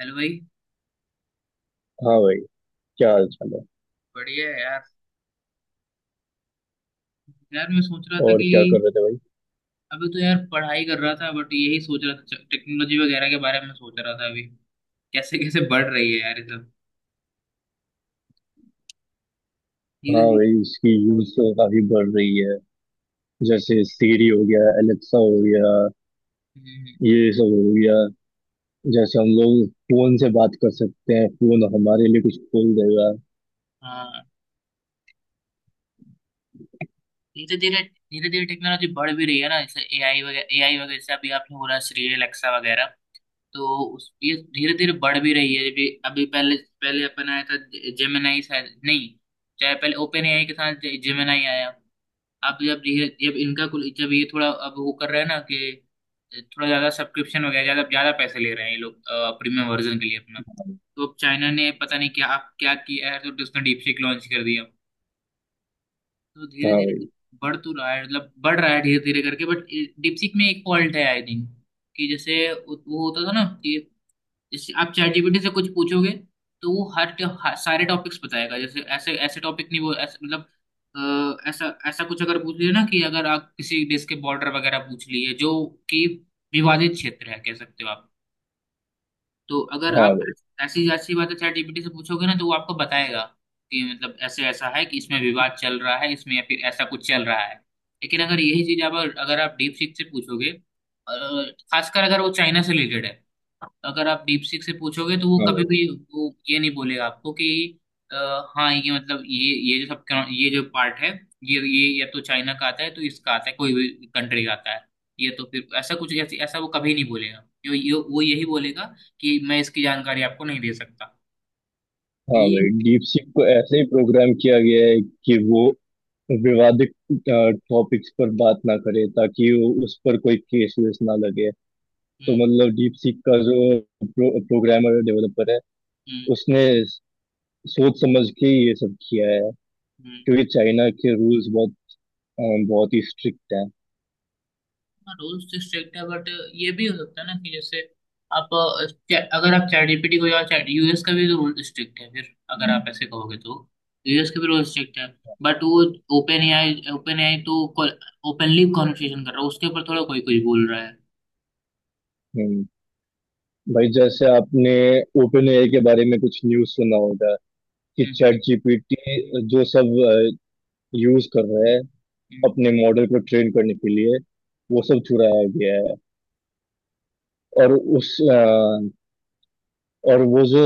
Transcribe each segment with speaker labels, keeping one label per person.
Speaker 1: Hello भाई।
Speaker 2: हाँ भाई। क्या हाल चाल है।
Speaker 1: बढ़िया है यार। यार मैं सोच रहा था
Speaker 2: और
Speaker 1: कि
Speaker 2: क्या कर रहे थे भाई।
Speaker 1: अभी तो यार पढ़ाई कर रहा था बट यही सोच रहा था टेक्नोलॉजी वगैरह के बारे में सोच रहा था अभी कैसे कैसे बढ़ रही है यार ये सब। धीरे
Speaker 2: हाँ
Speaker 1: धीरे।
Speaker 2: भाई, इसकी यूज तो काफी बढ़ रही है। जैसे सीरी हो गया, एलेक्सा हो गया,
Speaker 1: हम्म।
Speaker 2: ये सब हो गया। जैसे हम लोग फोन से बात कर सकते हैं, फोन हमारे लिए कुछ खोल देगा।
Speaker 1: हाँ। धीरे धीरे धीरे धीरे टेक्नोलॉजी बढ़ भी रही है ना, जैसे एआई वगैरह जैसे अभी आपने बोला श्री एलेक्सा वगैरह। तो उस ये धीरे धीरे बढ़ भी रही है अभी अभी पहले पहले अपन आया था। जेमिनाई शायद नहीं। चाहे पहले ओपन एआई के साथ जेमिनाई आया। अब जब ये जब इनका कुल जब ये थोड़ा अब वो कर रहे हैं ना कि थोड़ा ज्यादा सब्सक्रिप्शन हो गया, ज्यादा ज्यादा पैसे ले रहे हैं ये लोग प्रीमियम वर्जन के लिए अपना। तो अब चाइना ने पता नहीं क्या क्या किया है, तो उसने डीपसीक लॉन्च कर दिया। तो
Speaker 2: हाँ
Speaker 1: धीरे धीरे
Speaker 2: भाई।
Speaker 1: बढ़ तो रहा है, मतलब बढ़ रहा है धीरे धीरे करके बट। डीपसीक में एक फॉल्ट है आई थिंक। कि जैसे वो होता था ना कि जैसे आप चैट जीपीटी से कुछ पूछोगे, तो वो हर सारे टॉपिक्स बताएगा, जैसे ऐसे ऐसे टॉपिक नहीं वो ऐसे मतलब ऐसा ऐसा कुछ अगर पूछ लिया ना कि अगर आप किसी देश के बॉर्डर वगैरह पूछ लिए जो कि विवादित क्षेत्र है कह सकते हो आप। तो अगर
Speaker 2: हाँ
Speaker 1: आप
Speaker 2: भाई।
Speaker 1: ऐसी ऐसी बातें चैट जीपीटी से पूछोगे ना तो वो आपको बताएगा कि मतलब ऐसे ऐसा है कि इसमें विवाद चल रहा है इसमें या फिर ऐसा कुछ चल रहा है। लेकिन अगर यही चीज आप अगर आप डीप सीक से पूछोगे खासकर अगर वो चाइना से रिलेटेड है। अगर आप डीप सीक से पूछोगे तो वो
Speaker 2: हाँ
Speaker 1: कभी
Speaker 2: भाई।
Speaker 1: भी वो ये नहीं बोलेगा आपको कि अ, हाँ ये मतलब ये जो सब ये जो पार्ट है ये या तो चाइना का आता है तो इसका आता है कोई भी कंट्री का आता है। ये तो फिर ऐसा कुछ ऐसी ऐसा वो कभी नहीं बोलेगा, यो, यो, वो यही बोलेगा कि मैं इसकी जानकारी आपको नहीं दे सकता
Speaker 2: हाँ
Speaker 1: ये।
Speaker 2: भाई, डीप सीक को ऐसे ही प्रोग्राम किया गया है कि वो विवादित टॉपिक्स पर बात ना करे, ताकि वो उस पर कोई केस वेस ना लगे। तो
Speaker 1: हम्म।
Speaker 2: मतलब डीप सीक का जो प्रोग्रामर डेवलपर है,
Speaker 1: हम्म।
Speaker 2: उसने सोच समझ के ये सब किया है।
Speaker 1: हम्म।
Speaker 2: क्योंकि चाइना के रूल्स बहुत अ, बहुत ही स्ट्रिक्ट हैं।
Speaker 1: रूल्स तो स्ट्रिक्ट है बट ये भी हो सकता है ना कि जैसे आप अगर आप चैट जीपीटी को या चैट यूएस का भी रूल स्ट्रिक्ट है फिर अगर आप ऐसे कहोगे तो यूएस का भी रूल स्ट्रिक्ट है बट वो ओपन एआई तो ओपनली कॉन्वर्सेशन कर रहा है, उसके ऊपर थोड़ा कोई कोई बोल रहा है।
Speaker 2: हम्म। भाई जैसे आपने ओपन एआई के बारे में कुछ न्यूज़ सुना होगा कि
Speaker 1: हम्म।
Speaker 2: चैट जीपीटी जो सब यूज कर रहा है
Speaker 1: हम्म।
Speaker 2: अपने मॉडल को ट्रेन करने के लिए, वो सब चुराया गया है। और और वो जो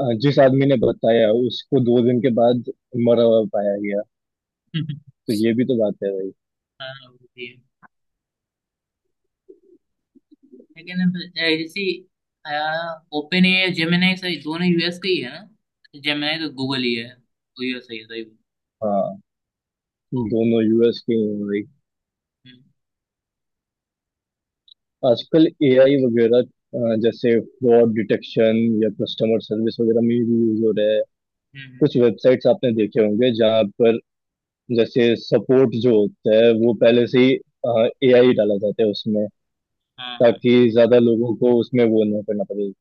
Speaker 2: जिस आदमी ने बताया, उसको 2 दिन के बाद मरा हुआ पाया गया।
Speaker 1: हम्म।
Speaker 2: तो ये भी तो बात है भाई।
Speaker 1: हाँ, वो भी है। लेकिन अब, ए, जैसे ओपन ए जेमिनाई सही दोनों यूएस के ही है ना, जेमिनाई तो गूगल ही है, तो ये सही है सही है।
Speaker 2: हाँ,
Speaker 1: तो,
Speaker 2: दोनों यूएस के हैं भाई।
Speaker 1: हम्म।
Speaker 2: आजकल एआई वगैरह जैसे फ्रॉड डिटेक्शन या कस्टमर सर्विस वगैरह में भी यूज हो रहा है।
Speaker 1: हम्म।
Speaker 2: कुछ वेबसाइट्स आपने देखे होंगे जहाँ पर जैसे सपोर्ट जो होता है, वो पहले से ही एआई डाला जाता है उसमें,
Speaker 1: हाँ। हाँ।
Speaker 2: ताकि ज्यादा लोगों को उसमें वो ना करना पड़े।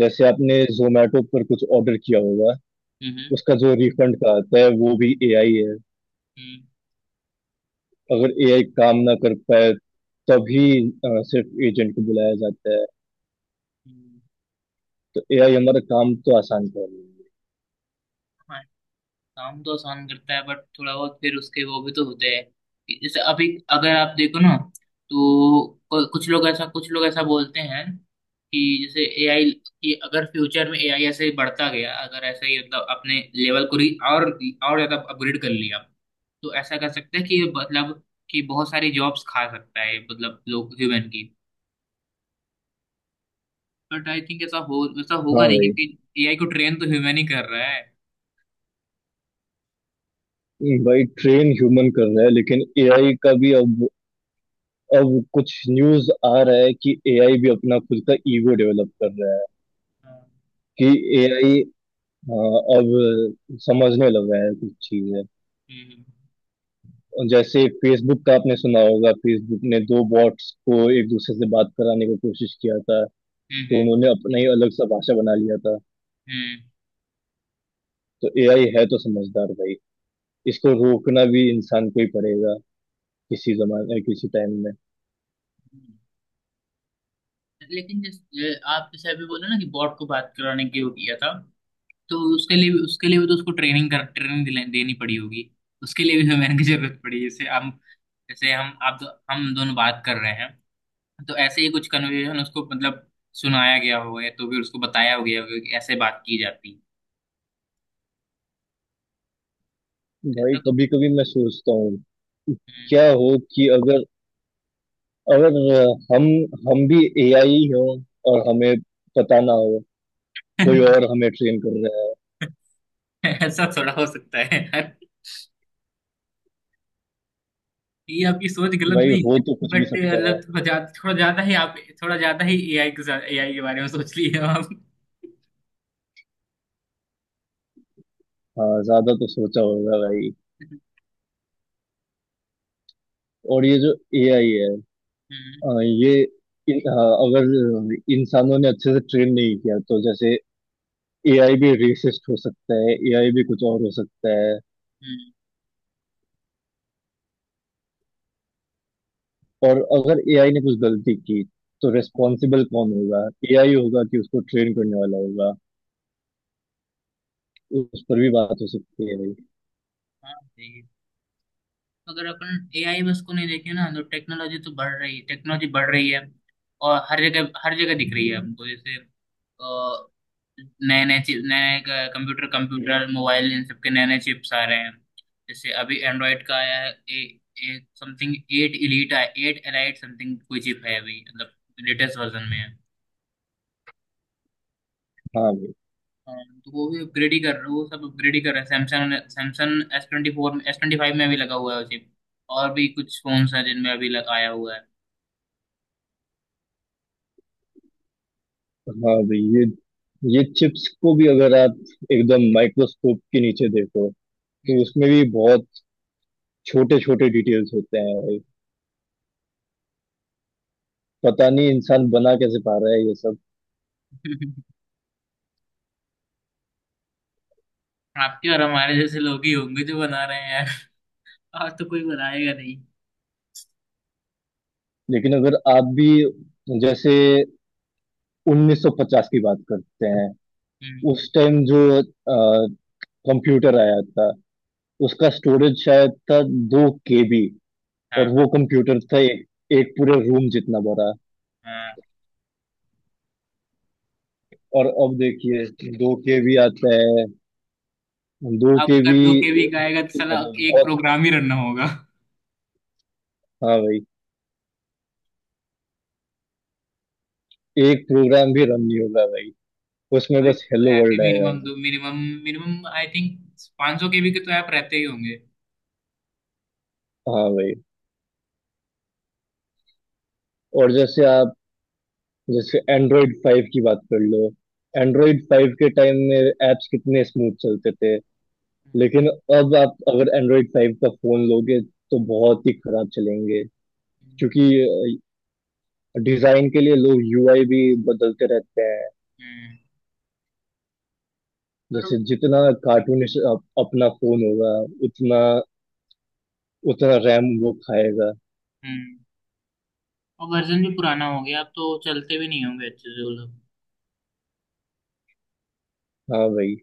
Speaker 2: जैसे आपने जोमेटो पर कुछ ऑर्डर किया होगा,
Speaker 1: हम्म। हम्म।
Speaker 2: उसका जो रिफंड का आता है वो भी एआई है।
Speaker 1: हम्म।
Speaker 2: अगर एआई काम ना कर पाए, तभी सिर्फ एजेंट को बुलाया जाता है।
Speaker 1: हम्म।
Speaker 2: तो एआई हमारा काम तो आसान कर रही है।
Speaker 1: काम तो आसान करता है बट थोड़ा बहुत फिर उसके वो भी तो होते हैं कि जैसे अभी अगर आप देखो ना तो कुछ लोग ऐसा बोलते हैं कि जैसे एआई कि अगर फ्यूचर में एआई ऐसे ही बढ़ता गया अगर ऐसे ही मतलब अपने लेवल को री और ज्यादा अपग्रेड कर लिया, तो ऐसा कर सकते हैं कि ये मतलब कि बहुत सारी जॉब्स खा सकता है मतलब लोग ह्यूमन की। बट आई थिंक ऐसा हो ऐसा होगा
Speaker 2: हाँ
Speaker 1: नहीं,
Speaker 2: भाई।
Speaker 1: क्योंकि एआई को ट्रेन तो ह्यूमन ही कर रहा है।
Speaker 2: भाई ट्रेन ह्यूमन कर रहा है, लेकिन एआई का भी अब कुछ न्यूज आ रहा है कि एआई भी अपना खुद का ईगो डेवलप कर रहा है।
Speaker 1: हाँ।
Speaker 2: कि एआई अब समझने लग रहा है कुछ चीजें।
Speaker 1: हम्म।
Speaker 2: जैसे फेसबुक का आपने सुना होगा, फेसबुक ने दो बॉट्स को एक दूसरे से बात कराने की कोशिश किया था, तो
Speaker 1: हम्म।
Speaker 2: उन्होंने अपना ही अलग सा भाषा बना लिया था।
Speaker 1: हम्म।
Speaker 2: तो एआई है तो समझदार भाई, इसको रोकना भी इंसान को ही पड़ेगा, किसी जमाने किसी टाइम में।
Speaker 1: हम्म। लेकिन जैसे आप जैसे अभी बोले ना कि बॉट को बात कराने के लिए किया था, तो उसके लिए भी तो उसको ट्रेनिंग कर ट्रेनिंग दिला देनी पड़ी होगी। उसके लिए भी हमें की जरूरत पड़ी, जैसे हम आप दो, हम दोनों बात कर रहे हैं, तो ऐसे ही कुछ कन्वर्सेशन उसको मतलब सुनाया गया होगा या तो फिर उसको बताया गया होगा कि ऐसे बात की जाती है
Speaker 2: भाई
Speaker 1: ऐसा कुछ।
Speaker 2: कभी कभी मैं सोचता हूँ, क्या हो कि अगर अगर अ, हम भी एआई हो, और हमें पता ना हो, कोई
Speaker 1: हम्म।
Speaker 2: और हमें ट्रेन कर रहा है।
Speaker 1: ऐसा थोड़ा हो सकता है यार, ये आपकी सोच गलत
Speaker 2: भाई
Speaker 1: नहीं
Speaker 2: हो
Speaker 1: है
Speaker 2: तो कुछ भी
Speaker 1: बट
Speaker 2: सकता है।
Speaker 1: मतलब थोड़ा ज्यादा ही आप थोड़ा ज्यादा ही एआई के साथ एआई के बारे में सोच लिए हो आप।
Speaker 2: हाँ ज्यादा तो सोचा होगा भाई। और ये जो एआई है,
Speaker 1: हम्म।
Speaker 2: अ, ये हाँ, अगर इंसानों ने अच्छे से ट्रेन नहीं किया, तो जैसे एआई भी रेसिस्ट हो सकता है, एआई भी कुछ और हो सकता है।
Speaker 1: हम्म।
Speaker 2: और अगर एआई ने कुछ गलती की, तो रेस्पॉन्सिबल कौन होगा? एआई होगा कि उसको ट्रेन करने वाला होगा? उस पर भी बात हो सकती है।
Speaker 1: हाँ सही है। अगर अपन एआई में उसको नहीं देखें ना तो टेक्नोलॉजी तो बढ़ रही है, टेक्नोलॉजी बढ़ रही है और हर जगह दिख रही है हमको, जैसे अ, नए नए चीज नए नए कंप्यूटर कंप्यूटर मोबाइल इन सब के नए नए चिप्स आ रहे हैं। जैसे अभी एंड्रॉइड का आया है A A something, eight elite आया, एट एलाइट समथिंग कोई चिप है अभी मतलब लेटेस्ट वर्जन में है।
Speaker 2: हाँ भाई।
Speaker 1: हाँ, तो वो भी अपग्रेड ही कर रहे वो सब अपग्रेड ही कर रहे हैं, Samsung Samsung S twenty four S twenty five में भी लगा हुआ है वो चिप। और भी कुछ फोन्स हैं जिनमें अभी लग, आया हुआ है।
Speaker 2: हाँ भाई, ये चिप्स को भी अगर आप एकदम माइक्रोस्कोप के नीचे देखो, तो
Speaker 1: हम्म।
Speaker 2: उसमें भी बहुत छोटे छोटे डिटेल्स होते हैं भाई। पता नहीं इंसान बना कैसे पा रहा है ये सब।
Speaker 1: आपके और हमारे जैसे लोग ही होंगे जो बना रहे हैं यार, और तो कोई बनाएगा नहीं।
Speaker 2: लेकिन अगर आप भी जैसे 1950 की बात करते हैं,
Speaker 1: हम्म।
Speaker 2: उस टाइम जो कंप्यूटर आया था, उसका स्टोरेज शायद था 2 KB।
Speaker 1: हाँ
Speaker 2: और
Speaker 1: हाँ।
Speaker 2: वो कंप्यूटर था एक पूरे रूम जितना बड़ा।
Speaker 1: हाँ।
Speaker 2: और अब देखिए 2 KB आता है। दो
Speaker 1: अब
Speaker 2: के
Speaker 1: अगर
Speaker 2: भी
Speaker 1: दो के बी का आएगा तो साला
Speaker 2: मतलब
Speaker 1: एक
Speaker 2: बहुत।
Speaker 1: प्रोग्राम ही रन होगा।
Speaker 2: हाँ भाई, एक प्रोग्राम भी रन नहीं होगा भाई, उसमें
Speaker 1: अभी
Speaker 2: बस
Speaker 1: तो
Speaker 2: हेलो
Speaker 1: ऐप ही
Speaker 2: वर्ल्ड आएगा
Speaker 1: मिनिमम
Speaker 2: भाई।
Speaker 1: दो मिनिमम मिनिमम आई थिंक 500 सौ के बी के तो ऐप रहते ही होंगे।
Speaker 2: हाँ भाई। और जैसे आप जैसे एंड्रॉइड 5 की बात कर लो, एंड्रॉइड 5 के टाइम में एप्स कितने स्मूथ चलते थे।
Speaker 1: हम्म।
Speaker 2: लेकिन अब आप अगर एंड्रॉइड 5 का फोन लोगे, तो बहुत ही खराब चलेंगे।
Speaker 1: हम्म।
Speaker 2: क्योंकि डिजाइन के लिए लोग यूआई भी बदलते रहते हैं।
Speaker 1: हम्म। पर
Speaker 2: जैसे जितना अपना फोन होगा, उतना उतना रैम वो खाएगा।
Speaker 1: हम्म और वर्जन भी पुराना हो गया अब तो चलते भी नहीं होंगे अच्छे से वो लोग।
Speaker 2: हाँ भाई।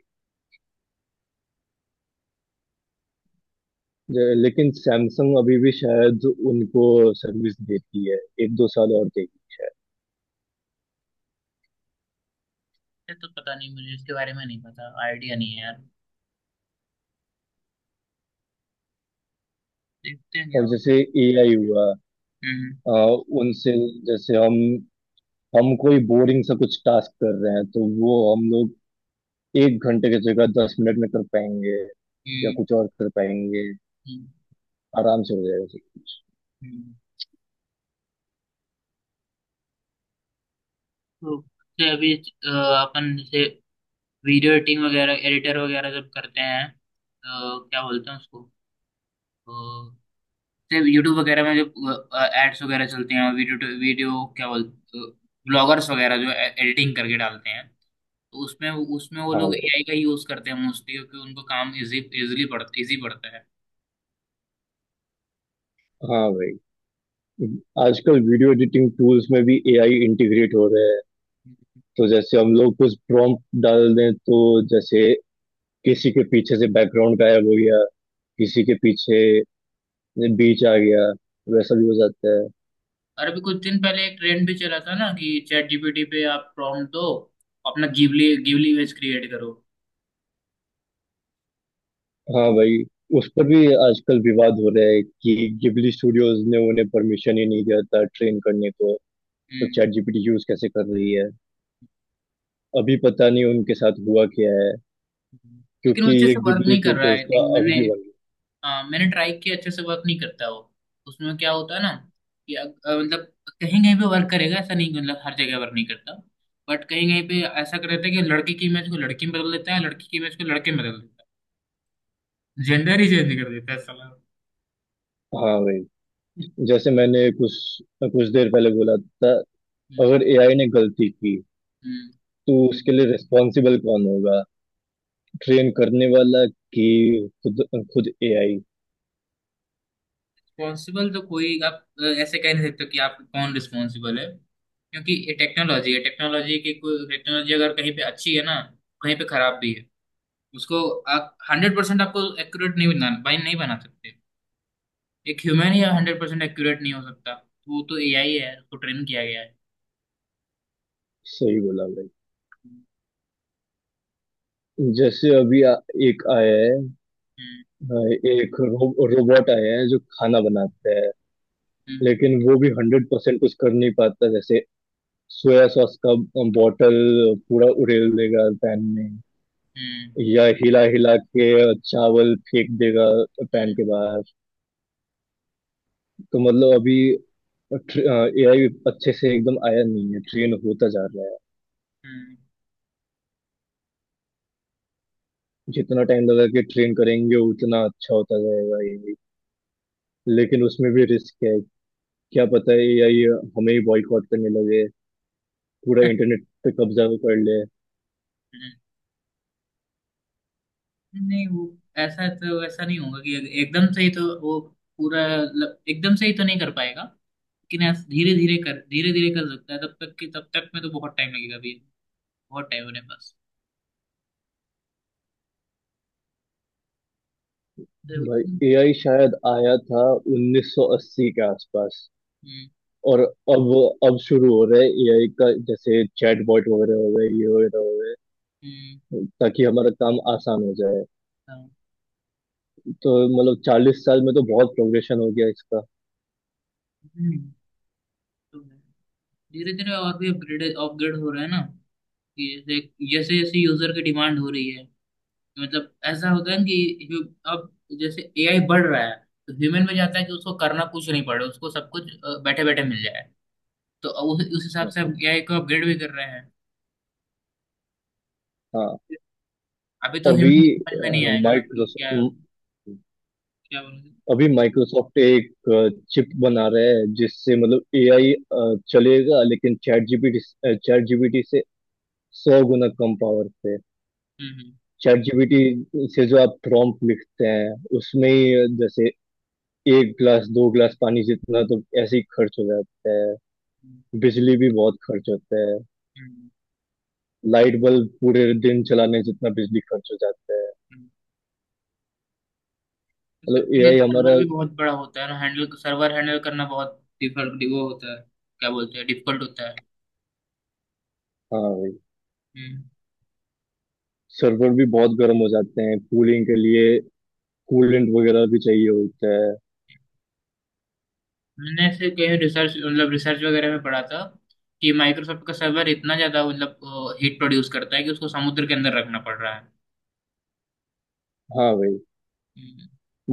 Speaker 2: लेकिन सैमसंग अभी भी शायद उनको सर्विस देती है, एक दो साल और देगी।
Speaker 1: ये तो पता नहीं मुझे इसके बारे में नहीं पता, आइडिया नहीं है यार, देखते हैं क्या
Speaker 2: और
Speaker 1: होता
Speaker 2: जैसे
Speaker 1: है।
Speaker 2: एआई हुआ।
Speaker 1: हम्म।
Speaker 2: आ, उनसे जैसे हम कोई बोरिंग सा कुछ टास्क कर रहे हैं, तो वो हम लोग 1 घंटे की जगह 10 मिनट में कर पाएंगे, या
Speaker 1: हम्म।
Speaker 2: कुछ और कर पाएंगे,
Speaker 1: हम्म।
Speaker 2: आराम से हो जाएगा सब कुछ।
Speaker 1: हम्म। तो जैसे अभी अपन जैसे वीडियो एडिटिंग वगैरह एडिटर वगैरह जब करते हैं तो क्या बोलते हैं उसको अ, जैसे यूट्यूब वगैरह में जब एड्स वगैरह चलते हैं वीडियो वीडियो क्या बोलते, ब्लॉगर्स वगैरह जो एडिटिंग करके डालते हैं, तो उसमें उसमें वो
Speaker 2: हाँ
Speaker 1: लोग
Speaker 2: भाई।
Speaker 1: एआई का यूज करते हैं मोस्टली, क्योंकि उनको काम इजी इजीली पड़ता इजी पड़ता है।
Speaker 2: हाँ भाई, आजकल वीडियो एडिटिंग टूल्स में भी एआई इंटीग्रेट हो रहे हैं। तो जैसे हम लोग कुछ प्रॉम्प्ट डाल दें, तो जैसे किसी के पीछे से बैकग्राउंड गायब हो गया,
Speaker 1: हम्म।
Speaker 2: किसी के पीछे बीच आ गया, वैसा भी हो जाता है।
Speaker 1: और अभी कुछ दिन पहले एक ट्रेंड भी चला था ना कि चैट जीपीटी पे आप प्रॉम्प्ट दो अपना गिबली गिबली इमेज क्रिएट करो।
Speaker 2: हाँ
Speaker 1: तो
Speaker 2: भाई। उस पर भी आजकल विवाद हो रहा है कि गिबली स्टूडियोज ने उन्हें परमिशन ही नहीं दिया था ट्रेन करने को। तो
Speaker 1: हम्म
Speaker 2: चैट जीपीटी यूज कैसे कर रही है? अभी पता नहीं उनके साथ हुआ क्या है,
Speaker 1: लेकिन वो
Speaker 2: क्योंकि
Speaker 1: अच्छे
Speaker 2: ये
Speaker 1: से वर्क
Speaker 2: गिबली
Speaker 1: नहीं कर रहा है
Speaker 2: फोटोज
Speaker 1: आई
Speaker 2: तो
Speaker 1: थिंक
Speaker 2: अभी
Speaker 1: मैंने,
Speaker 2: भी बन रही
Speaker 1: हाँ मैंने ट्राई किया अच्छे से वर्क नहीं करता वो। उसमें क्या होता है ना कि मतलब कहीं कहीं पे वर्क करेगा, ऐसा नहीं कि मतलब हर जगह वर्क नहीं करता बट कहीं कहीं पे ऐसा कर देता है कि लड़के की इमेज को लड़की में बदल देता है, लड़की की इमेज को लड़के में बदल देता है, जेंडर ही चेंज कर देता है साला।
Speaker 2: है। हाँ भाई, जैसे मैंने कुछ कुछ देर पहले बोला था, अगर एआई ने गलती की, तो उसके लिए रिस्पॉन्सिबल कौन होगा? ट्रेन करने वाला कि खुद खुद एआई?
Speaker 1: रिस्पॉन्सिबल तो कोई आप ऐसे कह नहीं सकते कि आप कौन रिस्पॉन्सिबल है, क्योंकि ये टेक्नोलॉजी है, टेक्नोलॉजी की कोई टेक्नोलॉजी अगर कहीं पे अच्छी है ना कहीं पे खराब भी है। उसको आप हंड्रेड परसेंट आपको एक्यूरेट नहीं बना भाई नहीं बना सकते। एक ह्यूमन ही हंड्रेड परसेंट एक्यूरेट नहीं हो सकता, वो तो एआई है उसको ट्रेन किया गया है।
Speaker 2: सही बोला भाई। जैसे अभी एक आया है,
Speaker 1: हम्म।
Speaker 2: अ, एक रोबोट आया है जो खाना बनाता है।
Speaker 1: हम्म।
Speaker 2: लेकिन वो भी 100% कुछ कर नहीं पाता, जैसे सोया सॉस का बॉटल पूरा उड़ेल देगा पैन में,
Speaker 1: हम्म।
Speaker 2: या हिला हिला के चावल फेंक देगा पैन
Speaker 1: हम्म।
Speaker 2: के बाहर। तो मतलब अभी एआई अच्छे से एकदम आया नहीं है, ट्रेन होता जा रहा है।
Speaker 1: हम्म। हम्म।
Speaker 2: जितना टाइम लगा के ट्रेन करेंगे, उतना अच्छा होता जाएगा ये भी। लेकिन उसमें भी रिस्क है, क्या पता है एआई हमें ही बॉयकॉट करने लगे, पूरा
Speaker 1: हम्म।
Speaker 2: इंटरनेट पे कब्जा कर ले।
Speaker 1: नहीं वो ऐसा तो ऐसा नहीं होगा कि एकदम से ही तो वो पूरा एकदम से ही तो नहीं कर पाएगा, लेकिन ऐसा धीरे धीरे कर सकता है, तब तक कि तब तक में तो बहुत टाइम लगेगा अभी। बहुत टाइम होने पास। हम्म।
Speaker 2: भाई एआई शायद आया था 1980 के आसपास। और अब शुरू हो रहा है एआई का, जैसे चैटबॉट वगैरह हो गए, ये वगैरह हो गए,
Speaker 1: हम्म।
Speaker 2: ताकि हमारा काम आसान हो जाए।
Speaker 1: हाँ।
Speaker 2: तो मतलब 40 साल में तो बहुत प्रोग्रेशन हो गया इसका।
Speaker 1: हम्म। तो धीरे धीरे और भी अपग्रेड अपग्रेड हो रहा है ना कि जैसे जैसे जैसे यूजर की डिमांड हो रही है, मतलब ऐसा होता है ना कि अब जैसे एआई बढ़ रहा है, तो ह्यूमन में जाता है कि उसको करना कुछ नहीं पड़े, उसको सब कुछ बैठे बैठे मिल जाए। तो उस हिसाब से हम एआई को अपग्रेड भी कर रहे हैं।
Speaker 2: हाँ।
Speaker 1: अभी तो
Speaker 2: अभी
Speaker 1: ह्यूमन समझ में नहीं आएगा ना कि क्या
Speaker 2: माइक्रोसॉफ्ट
Speaker 1: क्या बोलूं।
Speaker 2: अभी माइक्रोसॉफ्ट एक चिप बना रहा है जिससे मतलब एआई चलेगा, लेकिन चैट जीपीटी से 100 गुना कम पावर पे।
Speaker 1: हम्म। हम्म।
Speaker 2: चैट जीपीटी से जो आप प्रॉम्प्ट लिखते हैं, उसमें ही जैसे एक गिलास दो गिलास पानी जितना तो ऐसे ही खर्च हो जाता है।
Speaker 1: हम्म।
Speaker 2: बिजली भी बहुत खर्च होता है,
Speaker 1: हम्म।
Speaker 2: लाइट बल्ब पूरे दिन चलाने जितना बिजली खर्च हो जाता है।
Speaker 1: हम्म। तो
Speaker 2: मतलब
Speaker 1: सबके लिए
Speaker 2: एआई
Speaker 1: सर्वर
Speaker 2: हमारा।
Speaker 1: भी बहुत बड़ा होता है ना, हैंडल सर्वर हैंडल करना बहुत डिफिकल्ट वो होता है, क्या बोलते हैं डिफिकल्ट होता है।
Speaker 2: हाँ भाई,
Speaker 1: हम्म।
Speaker 2: सर्वर भी बहुत गर्म हो जाते हैं, कूलिंग के लिए कूलेंट वगैरह भी चाहिए होता है।
Speaker 1: मैंने ऐसे कहीं रिसर्च मतलब रिसर्च वगैरह में पढ़ा था कि माइक्रोसॉफ्ट का सर्वर इतना ज्यादा मतलब हीट प्रोड्यूस करता है कि उसको समुद्र के अंदर रखना पड़ रहा है।
Speaker 2: हाँ भाई,
Speaker 1: हम्म।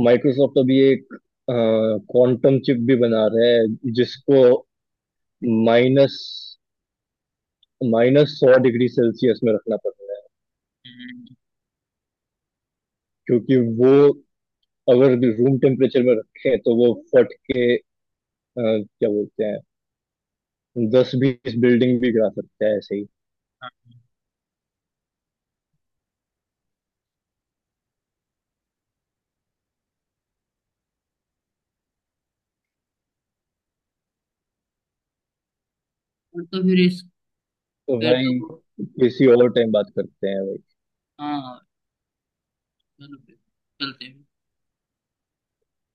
Speaker 2: माइक्रोसॉफ्ट अभी एक क्वांटम चिप भी बना रहा है, जिसको माइनस माइनस सौ डिग्री सेल्सियस में रखना पड़ रहा है।
Speaker 1: हम्म। हम्म।
Speaker 2: क्योंकि वो अगर रूम टेम्परेचर में रखें, तो वो फट के क्या बोलते हैं, दस बीस बिल्डिंग भी गिरा सकता है ऐसे ही।
Speaker 1: हाँ। और तो फिर इस
Speaker 2: तो
Speaker 1: फिर
Speaker 2: भाई,
Speaker 1: तो
Speaker 2: किसी और टाइम बात करते हैं।
Speaker 1: हाँ चलो फिर चलते हैं।